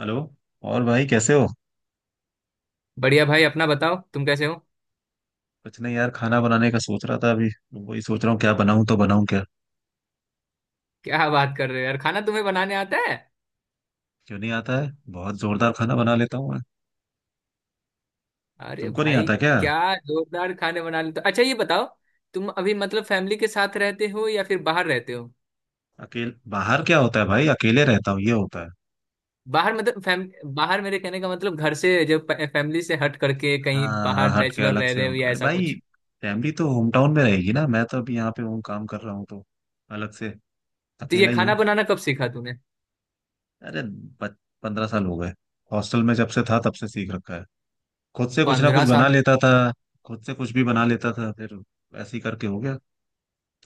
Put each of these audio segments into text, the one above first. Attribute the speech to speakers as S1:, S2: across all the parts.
S1: Hello. और भाई कैसे हो?
S2: बढ़िया भाई, अपना बताओ, तुम कैसे हो।
S1: कुछ नहीं यार, खाना बनाने का सोच रहा था अभी। वही सोच रहा हूँ क्या बनाऊं, तो बनाऊं क्या।
S2: क्या बात कर रहे हो यार, खाना तुम्हें बनाने आता है?
S1: क्यों नहीं आता है, बहुत जोरदार खाना बना लेता हूँ मैं।
S2: अरे
S1: तुमको नहीं
S2: भाई!
S1: आता क्या?
S2: क्या? जोरदार खाने बना लेते हो। अच्छा ये बताओ, तुम अभी मतलब फैमिली के साथ रहते हो या फिर बाहर रहते हो?
S1: अकेले बाहर क्या होता है भाई, अकेले रहता हूँ ये होता है।
S2: बाहर मतलब फैम बाहर, मेरे कहने का मतलब घर से, जब फैमिली से हट करके कहीं
S1: हाँ हाँ,
S2: बाहर
S1: हट के
S2: बैचलर
S1: अलग
S2: रह
S1: से
S2: रहे हो
S1: हूँ।
S2: या
S1: अरे
S2: ऐसा
S1: भाई,
S2: कुछ।
S1: फैमिली तो होम टाउन में रहेगी ना। मैं तो अभी यहाँ पे हूँ, काम कर रहा हूँ तो अलग से
S2: तो ये
S1: अकेला ही
S2: खाना
S1: हूँ।
S2: बनाना कब सीखा तूने?
S1: अरे, 15 साल हो गए। हॉस्टल में जब से था तब से सीख रखा है। खुद से कुछ ना कुछ
S2: पंद्रह
S1: बना
S2: साल
S1: लेता था। खुद से कुछ भी बना लेता था फिर, ऐसे ही करके हो गया।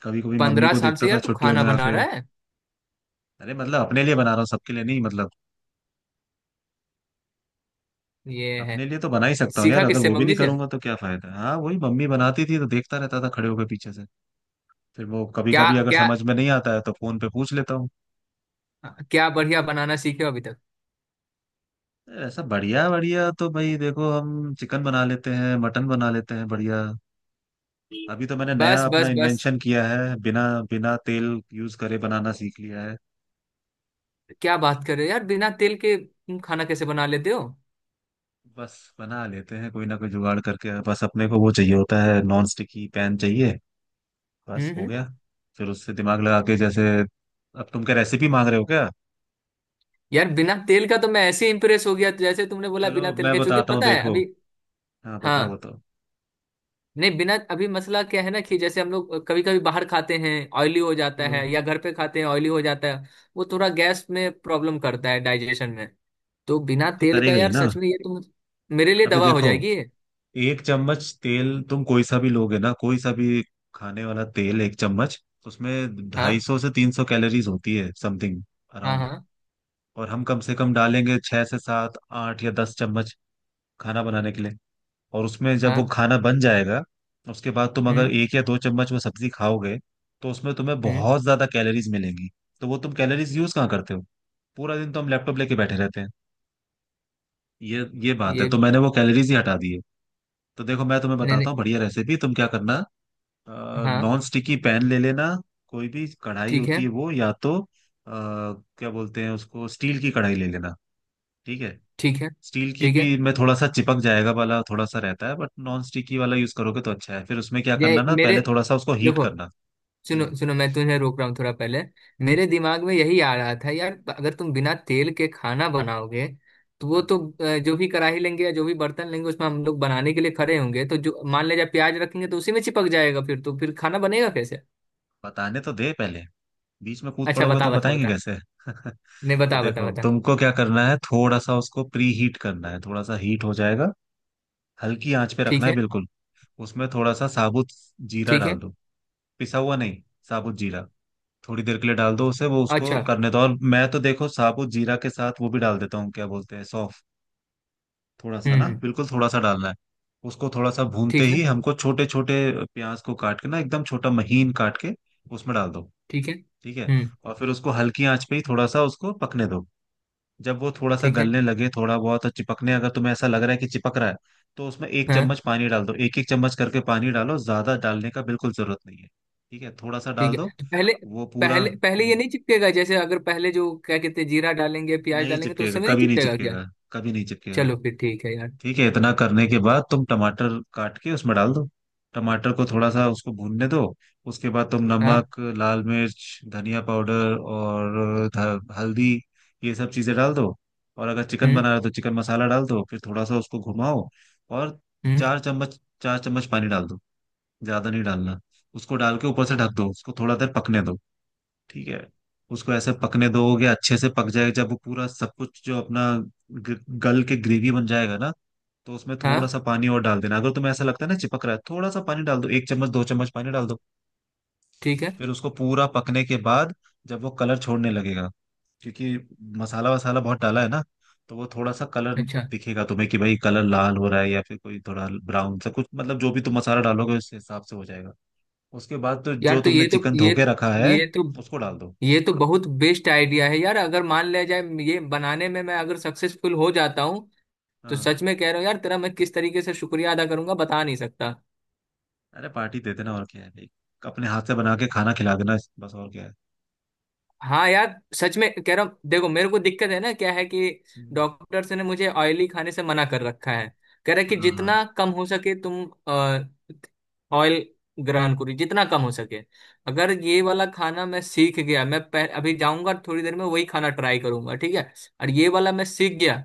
S1: कभी कभी मम्मी
S2: पंद्रह
S1: को
S2: साल
S1: देखता
S2: से
S1: था
S2: यार तू
S1: छुट्टियों
S2: खाना
S1: में
S2: बना
S1: आके।
S2: रहा है?
S1: अरे मतलब अपने लिए बना रहा हूँ, सबके लिए नहीं, मतलब
S2: ये है।
S1: अपने लिए तो बना ही सकता हूँ यार।
S2: सीखा
S1: अगर
S2: किससे,
S1: वो भी नहीं
S2: मम्मी से?
S1: करूंगा तो क्या फायदा है। हाँ, वही मम्मी बनाती थी तो देखता रहता था, खड़े होकर पीछे से। फिर वो कभी
S2: क्या
S1: कभी अगर
S2: क्या?
S1: समझ में नहीं आता है तो फोन पे पूछ लेता हूँ।
S2: क्या बढ़िया बनाना सीखे हो अभी तक?
S1: ऐसा बढ़िया बढ़िया तो भाई देखो, हम चिकन बना लेते हैं, मटन बना लेते हैं बढ़िया। अभी तो मैंने नया
S2: बस
S1: अपना
S2: बस बस।
S1: इन्वेंशन किया है, बिना बिना तेल यूज करे बनाना सीख लिया है।
S2: क्या बात कर रहे हो यार, बिना तेल के तुम खाना कैसे बना लेते हो?
S1: बस बना लेते हैं, कोई ना कोई जुगाड़ करके। बस अपने को वो चाहिए होता है, नॉन स्टिकी पैन चाहिए, बस हो
S2: हम्म।
S1: गया। फिर उससे दिमाग लगा के, जैसे अब तुम क्या रेसिपी मांग रहे हो क्या?
S2: यार बिना तेल का तो मैं ऐसे इंप्रेस हो गया, जैसे तुमने बोला
S1: चलो
S2: बिना तेल
S1: मैं
S2: के, क्योंकि
S1: बताता हूँ
S2: पता है
S1: देखो।
S2: अभी।
S1: हाँ
S2: हाँ।
S1: बताओ बताओ।
S2: नहीं, बिना अभी मसला क्या है ना कि जैसे हम लोग कभी कभी बाहर खाते हैं ऑयली हो जाता
S1: हम्म।
S2: है, या घर पे खाते हैं ऑयली हो जाता है। वो थोड़ा गैस में प्रॉब्लम करता है, डाइजेशन में। तो बिना
S1: वो तो
S2: तेल का
S1: करेगा ही
S2: यार
S1: ना।
S2: सच में, ये तो मेरे लिए
S1: अभी
S2: दवा हो
S1: देखो,
S2: जाएगी ये।
S1: 1 चम्मच तेल तुम कोई सा भी लोगे ना कोई सा भी, खाने वाला तेल 1 चम्मच, उसमें ढाई
S2: हाँ
S1: सौ से 300 कैलोरीज होती है, समथिंग
S2: हाँ
S1: अराउंड।
S2: हाँ
S1: और हम कम से कम डालेंगे 6 से 7 8 या 10 चम्मच, खाना बनाने के लिए। और उसमें जब वो
S2: हाँ।
S1: खाना बन जाएगा, उसके बाद तुम अगर
S2: हम्म
S1: 1 या 2 चम्मच वो सब्जी खाओगे, तो उसमें तुम्हें
S2: हम्म।
S1: बहुत ज्यादा कैलोरीज मिलेंगी। तो वो तुम कैलोरीज यूज कहाँ करते हो? पूरा दिन तो हम लैपटॉप लेके बैठे रहते हैं। ये बात है,
S2: ये
S1: तो
S2: भी।
S1: मैंने वो कैलोरीज ही हटा दी है। तो देखो मैं तुम्हें
S2: नहीं
S1: बताता
S2: नहीं।
S1: हूँ बढ़िया रेसिपी, तुम क्या करना,
S2: हाँ।
S1: नॉन स्टिकी पैन ले लेना। कोई भी कढ़ाई
S2: ठीक
S1: होती
S2: है
S1: है वो, या तो क्या बोलते हैं उसको, स्टील की कढ़ाई ले लेना। ठीक है?
S2: ठीक है
S1: स्टील की
S2: ठीक है।
S1: भी में थोड़ा सा चिपक जाएगा वाला थोड़ा सा रहता है, बट नॉन स्टिकी वाला यूज करोगे तो अच्छा है। फिर उसमें क्या करना
S2: ये
S1: ना,
S2: मेरे
S1: पहले थोड़ा सा उसको हीट
S2: देखो,
S1: करना।
S2: सुनो
S1: हम्म।
S2: सुनो, मैं तुम्हें रोक रहा हूँ थोड़ा पहले। मेरे दिमाग में यही आ रहा था यार, अगर तुम बिना तेल के खाना बनाओगे तो वो
S1: हाँ,
S2: तो जो भी कढ़ाई लेंगे या जो भी बर्तन लेंगे, उसमें हम लोग बनाने के लिए खड़े होंगे तो जो मान ले जाए प्याज रखेंगे तो उसी में चिपक जाएगा, फिर तो फिर खाना बनेगा कैसे?
S1: बताने तो दे पहले, बीच में कूद
S2: अच्छा
S1: पड़ोगे
S2: बता
S1: तो
S2: बता
S1: बताएंगे
S2: बता।
S1: कैसे
S2: नहीं
S1: तो
S2: बता बता
S1: देखो
S2: बता।
S1: तुमको क्या करना है, थोड़ा सा उसको प्री हीट करना है, थोड़ा सा हीट हो जाएगा, हल्की आंच पे
S2: ठीक
S1: रखना है
S2: है
S1: बिल्कुल। उसमें थोड़ा सा साबुत जीरा
S2: ठीक
S1: डाल
S2: है।
S1: दो। पिसा हुआ नहीं, साबुत जीरा। थोड़ी देर के लिए डाल दो, उसे वो उसको
S2: अच्छा।
S1: करने दो। और मैं तो देखो साबुत जीरा के साथ वो भी डाल देता हूँ, क्या बोलते हैं, सौंफ। थोड़ा सा ना,
S2: हम्म।
S1: बिल्कुल थोड़ा सा डालना है। उसको थोड़ा सा भूनते
S2: ठीक
S1: ही
S2: है
S1: हमको छोटे छोटे प्याज को काट के ना, एकदम छोटा महीन काट के, उसमें डाल दो।
S2: ठीक है।
S1: ठीक है?
S2: हम्म।
S1: और फिर उसको हल्की आंच पे ही थोड़ा सा उसको पकने दो। जब वो थोड़ा सा
S2: ठीक है।
S1: गलने लगे, थोड़ा बहुत और चिपकने, अगर तुम्हें ऐसा लग रहा है कि चिपक रहा है, तो उसमें एक
S2: हाँ।
S1: चम्मच पानी डाल दो। एक एक चम्मच करके पानी डालो, ज्यादा डालने का बिल्कुल जरूरत नहीं है। ठीक है, थोड़ा सा डाल
S2: ठीक
S1: दो।
S2: है। तो पहले
S1: वो पूरा
S2: पहले पहले ये नहीं चिपकेगा, जैसे अगर पहले जो क्या कहते हैं जीरा डालेंगे प्याज
S1: नहीं
S2: डालेंगे तो उस
S1: चिपकेगा।
S2: समय नहीं
S1: कभी नहीं
S2: चिपकेगा क्या?
S1: चिपकेगा, कभी नहीं चिपकेगा।
S2: चलो फिर ठीक है यार।
S1: ठीक है, इतना करने के बाद तुम टमाटर काट के उसमें डाल दो। टमाटर को थोड़ा सा उसको भूनने दो। उसके बाद तुम
S2: हाँ।
S1: नमक, लाल मिर्च, धनिया पाउडर और हल्दी, ये सब चीजें डाल दो। और अगर चिकन
S2: हम्म
S1: बना रहे हो तो चिकन मसाला डाल दो। फिर थोड़ा सा उसको घुमाओ, और
S2: हम्म।
S1: चार चम्मच पानी डाल दो। ज्यादा नहीं डालना। उसको डाल के ऊपर से ढक दो, उसको थोड़ा देर पकने दो। ठीक है? उसको ऐसे पकने दोगे अच्छे से पक जाएगा। जब वो पूरा सब कुछ जो अपना ग- गल के ग्रेवी बन जाएगा ना, तो उसमें थोड़ा
S2: हाँ
S1: सा पानी और डाल देना। अगर तुम्हें ऐसा लगता है ना चिपक रहा है, थोड़ा सा पानी डाल दो, 1 चम्मच 2 चम्मच पानी डाल दो।
S2: ठीक है।
S1: फिर उसको पूरा पकने के बाद, जब वो कलर छोड़ने लगेगा, क्योंकि मसाला वसाला बहुत डाला है ना, तो वो थोड़ा सा कलर
S2: अच्छा
S1: दिखेगा तुम्हें कि भाई कलर लाल हो रहा है, या फिर कोई थोड़ा ब्राउन सा कुछ, मतलब जो भी तुम मसाला डालोगे उस हिसाब से हो जाएगा। उसके बाद तो
S2: यार,
S1: जो तुमने चिकन धो के रखा है,
S2: ये तो
S1: उसको डाल दो।
S2: ये तो बहुत बेस्ट आइडिया है यार, अगर मान लिया जाए ये बनाने में मैं अगर सक्सेसफुल हो जाता हूँ तो
S1: हाँ।
S2: सच में कह रहा हूँ यार, तेरा मैं किस तरीके से शुक्रिया अदा करूंगा बता नहीं सकता।
S1: अरे पार्टी दे देना, और क्या है भाई। अपने हाथ से बना के खाना खिला देना, बस और क्या है।
S2: हाँ यार सच में कह रहा हूँ, देखो मेरे को दिक्कत है ना क्या है कि
S1: हम्म।
S2: डॉक्टर्स ने मुझे ऑयली खाने से मना कर रखा है। कह रहा है कि
S1: हाँ हाँ।
S2: जितना कम हो सके तुम ऑयल ग्रहण करो, जितना कम हो सके। अगर ये वाला खाना मैं सीख गया, मैं अभी जाऊंगा थोड़ी देर में वही खाना ट्राई करूंगा, ठीक है? और ये वाला मैं सीख गया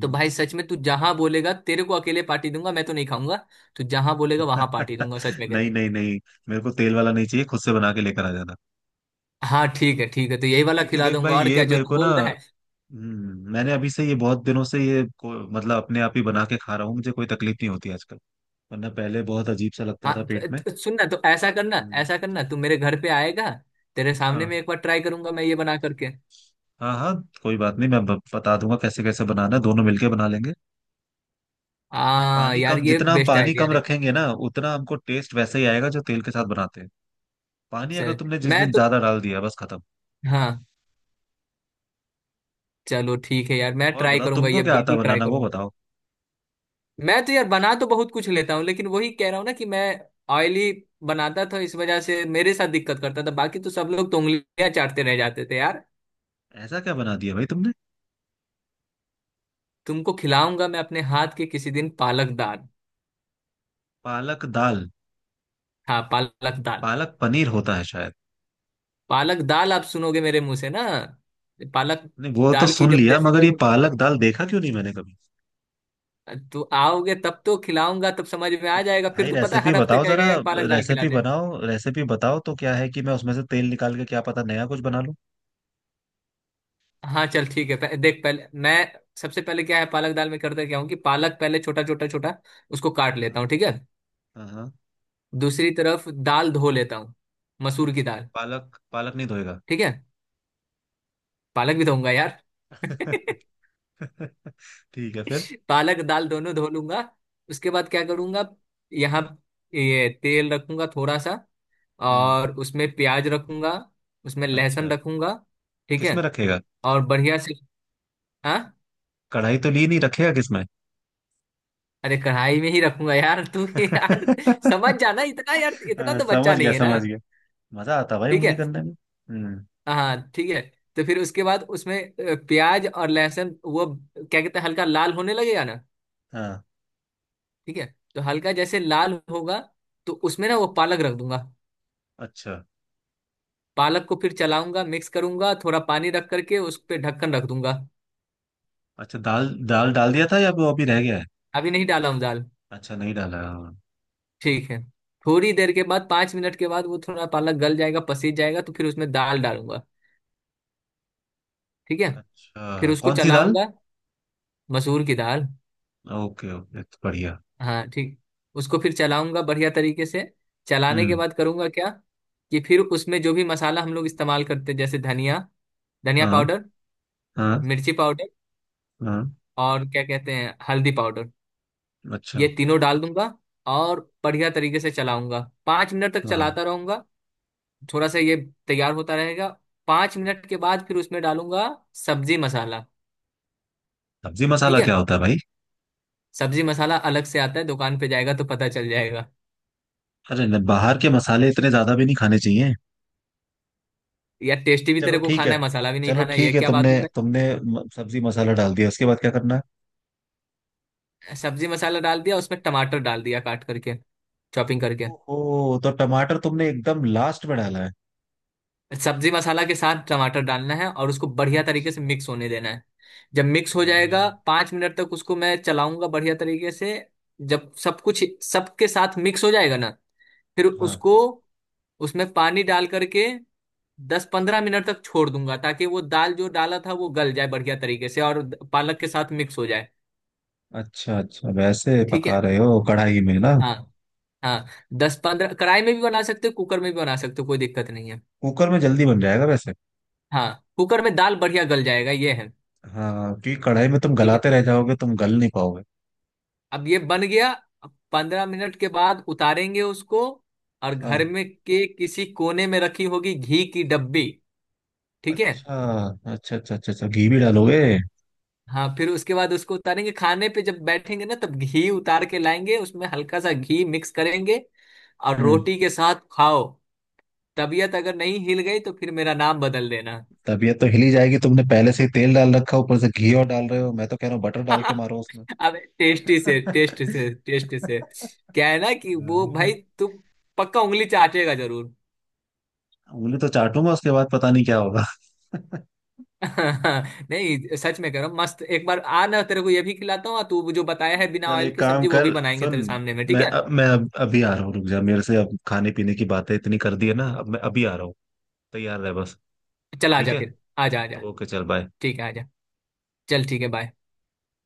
S2: तो भाई सच में, तू जहां बोलेगा तेरे को अकेले पार्टी दूंगा, मैं तो नहीं खाऊंगा। तू जहां बोलेगा वहां पार्टी दूंगा, सच में कह रही
S1: नहीं
S2: हूँ।
S1: नहीं नहीं, मेरे को तेल वाला नहीं चाहिए, खुद से बना के लेकर आ जाना।
S2: हाँ ठीक है ठीक है, तो यही वाला
S1: क्योंकि
S2: खिला
S1: देख
S2: दूंगा
S1: भाई
S2: और
S1: ये
S2: क्या, जो
S1: मेरे
S2: तू
S1: को ना,
S2: बोल रहा है।
S1: मैंने अभी से ये बहुत दिनों से ये को, मतलब अपने आप ही बना के खा रहा हूँ, मुझे कोई तकलीफ नहीं होती आजकल। वरना पहले बहुत अजीब सा लगता था
S2: हाँ तो,
S1: पेट में।
S2: तो सुनना, तो ऐसा करना
S1: हम्म।
S2: ऐसा करना, तू मेरे घर पे आएगा, तेरे सामने में
S1: हाँ
S2: एक बार ट्राई करूंगा मैं ये बना करके।
S1: हाँ। हाँ, कोई बात नहीं, मैं बता दूंगा कैसे कैसे बनाना है, दोनों मिलके बना लेंगे।
S2: हाँ
S1: पानी
S2: यार
S1: कम,
S2: ये
S1: जितना हम
S2: बेस्ट
S1: पानी
S2: आइडिया
S1: कम
S2: है।
S1: रखेंगे ना, उतना हमको टेस्ट वैसे ही आएगा जो तेल के साथ बनाते हैं। पानी अगर
S2: चल
S1: तुमने जिस
S2: मैं
S1: दिन
S2: तो
S1: ज्यादा डाल दिया, बस खत्म।
S2: हाँ, चलो ठीक है यार मैं
S1: और
S2: ट्राई
S1: बताओ
S2: करूंगा
S1: तुमको
S2: ये,
S1: क्या आता है
S2: बिल्कुल ट्राई
S1: बनाना, वो
S2: करूंगा।
S1: बताओ।
S2: मैं तो यार बना तो बहुत कुछ लेता हूँ, लेकिन वही कह रहा हूँ ना कि मैं ऑयली बनाता था इस वजह से मेरे साथ दिक्कत करता था, बाकी तो सब लोग तो उंगलियां चाटते रह जाते थे यार।
S1: ऐसा क्या बना दिया भाई तुमने?
S2: तुमको खिलाऊंगा मैं अपने हाथ के किसी दिन पालक दाल।
S1: पालक दाल।
S2: हाँ पालक दाल,
S1: पालक पनीर होता है शायद।
S2: पालक दाल आप सुनोगे मेरे मुंह से ना, पालक
S1: नहीं वो तो
S2: दाल की
S1: सुन
S2: जब
S1: लिया, मगर
S2: रेसिपी,
S1: ये पालक दाल देखा क्यों नहीं मैंने कभी।
S2: तो आओगे तब तो खिलाऊंगा, तब समझ में
S1: तो
S2: आ जाएगा, फिर
S1: भाई
S2: तो पता है
S1: रेसिपी
S2: हर हफ्ते
S1: बताओ
S2: कहेगा
S1: जरा।
S2: यार पालक दाल खिला
S1: रेसिपी
S2: दे।
S1: बनाओ, रेसिपी बताओ, तो क्या है कि मैं उसमें से तेल निकाल के क्या पता नया कुछ बना लूं।
S2: हाँ चल ठीक है, देख पहले मैं सबसे पहले क्या है पालक दाल में, करता क्या हूँ कि पालक पहले छोटा छोटा छोटा उसको काट लेता हूँ,
S1: हाँ
S2: ठीक है।
S1: हाँ। हाँ,
S2: दूसरी तरफ दाल धो लेता हूँ, मसूर की
S1: अच्छा
S2: दाल।
S1: पालक, पालक नहीं धोएगा?
S2: ठीक है, पालक भी धोऊंगा यार
S1: ठीक है फिर।
S2: पालक दाल दोनों धो लूंगा। उसके बाद क्या करूंगा, यहाँ ये तेल रखूंगा थोड़ा सा,
S1: हम्म।
S2: और उसमें प्याज रखूंगा, उसमें
S1: अच्छा
S2: लहसुन रखूंगा, ठीक है,
S1: किसमें रखेगा?
S2: और बढ़िया से। हाँ।
S1: कढ़ाई तो ली नहीं, रखेगा किसमें?
S2: अरे कढ़ाई में ही रखूंगा यार तू यार, समझ जाना इतना यार, इतना
S1: हाँ,
S2: तो बच्चा
S1: समझ गया
S2: नहीं है ना।
S1: समझ गया। मजा आता भाई
S2: ठीक
S1: उंगली
S2: है।
S1: करने में। हम्म।
S2: हाँ ठीक है। तो फिर उसके बाद उसमें प्याज और लहसुन वो क्या कहते हैं हल्का लाल होने लगेगा ना,
S1: हाँ।
S2: ठीक है। तो हल्का जैसे लाल होगा तो उसमें ना वो पालक रख दूंगा।
S1: अच्छा
S2: पालक को फिर चलाऊंगा, मिक्स करूंगा, थोड़ा पानी रख करके उस पर ढक्कन रख दूंगा।
S1: अच्छा, दाल दाल डाल दिया था या वो अभी रह गया है?
S2: अभी नहीं डाला हूँ दाल,
S1: अच्छा नहीं डाला है। हाँ।
S2: ठीक है। थोड़ी देर के बाद, 5 मिनट के बाद वो थोड़ा पालक गल जाएगा, पसीज जाएगा तो फिर उसमें दाल डालूंगा, ठीक है। फिर
S1: अच्छा
S2: उसको
S1: कौन सी दाल?
S2: चलाऊंगा, मसूर की दाल।
S1: ओके ओके, तो बढ़िया।
S2: हाँ ठीक, उसको फिर चलाऊंगा बढ़िया तरीके से। चलाने के
S1: हम्म।
S2: बाद करूंगा क्या कि फिर उसमें जो भी मसाला हम लोग इस्तेमाल करते हैं जैसे धनिया, धनिया
S1: हाँ
S2: पाउडर,
S1: हाँ।
S2: मिर्ची पाउडर,
S1: हाँ।
S2: और क्या कहते हैं हल्दी पाउडर,
S1: अच्छा।
S2: ये तीनों डाल दूंगा और बढ़िया तरीके से चलाऊंगा। पाँच मिनट तक
S1: हाँ।
S2: चलाता रहूंगा, थोड़ा सा ये तैयार होता रहेगा। 5 मिनट के बाद फिर उसमें डालूंगा सब्जी मसाला,
S1: सब्जी
S2: ठीक
S1: मसाला क्या
S2: है।
S1: होता है भाई?
S2: सब्जी मसाला अलग से आता है, दुकान पे जाएगा तो पता चल जाएगा।
S1: अरे बाहर के मसाले इतने ज्यादा भी नहीं खाने चाहिए।
S2: यार टेस्टी भी
S1: चलो
S2: तेरे को
S1: ठीक है।
S2: खाना है, मसाला भी नहीं
S1: चलो
S2: खाना है, ये
S1: ठीक है,
S2: क्या बात
S1: तुमने
S2: हुई भाई।
S1: तुमने सब्जी मसाला डाल दिया, उसके बाद क्या करना है?
S2: सब्जी मसाला डाल दिया, उसमें टमाटर डाल दिया काट करके, चॉपिंग करके।
S1: ओहो, तो टमाटर तुमने एकदम लास्ट में डाला है।
S2: सब्जी मसाला के साथ टमाटर डालना है और उसको बढ़िया तरीके से
S1: अच्छा।
S2: मिक्स होने देना है। जब मिक्स हो जाएगा
S1: अम,
S2: 5 मिनट तक उसको मैं चलाऊंगा बढ़िया तरीके से। जब सब कुछ सबके साथ मिक्स हो जाएगा ना, फिर
S1: हाँ।
S2: उसको उसमें पानी डाल करके 10-15 मिनट तक छोड़ दूंगा ताकि वो दाल जो डाला था वो गल जाए बढ़िया तरीके से और पालक के साथ मिक्स हो जाए।
S1: अच्छा अच्छा, वैसे
S2: ठीक
S1: पका
S2: है।
S1: रहे हो कढ़ाई में ना?
S2: हाँ हाँ। दस पंद्रह, कढ़ाई में भी बना सकते हो, कुकर में भी बना सकते हो, कोई दिक्कत नहीं है।
S1: कुकर में जल्दी बन जाएगा वैसे।
S2: हाँ कुकर में दाल बढ़िया गल जाएगा ये है।
S1: हाँ, क्योंकि कढ़ाई में तुम
S2: ठीक है,
S1: गलाते रह जाओगे, तुम गल नहीं पाओगे।
S2: अब ये बन गया। अब 15 मिनट के बाद उतारेंगे उसको, और घर
S1: हाँ।
S2: में के किसी कोने में रखी होगी घी की डब्बी, ठीक है।
S1: अच्छा अच्छा अच्छा अच्छा, अच्छा घी भी डालोगे?
S2: हाँ फिर उसके बाद उसको उतारेंगे, खाने पे जब बैठेंगे ना तब घी उतार के लाएंगे, उसमें हल्का सा घी मिक्स करेंगे और
S1: हम्म।
S2: रोटी के साथ खाओ। तबीयत अगर नहीं हिल गई तो फिर मेरा नाम बदल देना।
S1: तबीयत तो हिली जाएगी, तुमने पहले से ही तेल डाल रखा है, ऊपर से घी और डाल रहे हो। मैं तो कह रहा हूँ बटर डाल के मारो उसमें।
S2: अब टेस्टी से टेस्ट से टेस्ट से क्या है ना कि वो भाई,
S1: हाँ।
S2: तू पक्का उंगली चाटेगा जरूर।
S1: उंगली तो चाटूंगा, उसके बाद पता नहीं क्या होगा।
S2: नहीं सच में कह रहा हूँ, मस्त एक बार आ ना, तेरे को ये भी खिलाता हूँ और तू जो बताया है बिना
S1: चल
S2: ऑयल
S1: एक
S2: की
S1: काम
S2: सब्जी वो भी
S1: कर,
S2: बनाएंगे
S1: सुन।
S2: तेरे सामने में, ठीक
S1: मैं
S2: है।
S1: अब मैं अब अभी आ रहा हूँ, रुक जा मेरे से। अब खाने पीने की बातें इतनी कर दी है ना, अब मैं अभी आ रहा हूँ। तैयार रह बस।
S2: चल
S1: ठीक
S2: आजा
S1: है,
S2: फिर, आजा आजा।
S1: ओके, चल बाय।
S2: ठीक है आजा। चल ठीक है, बाय।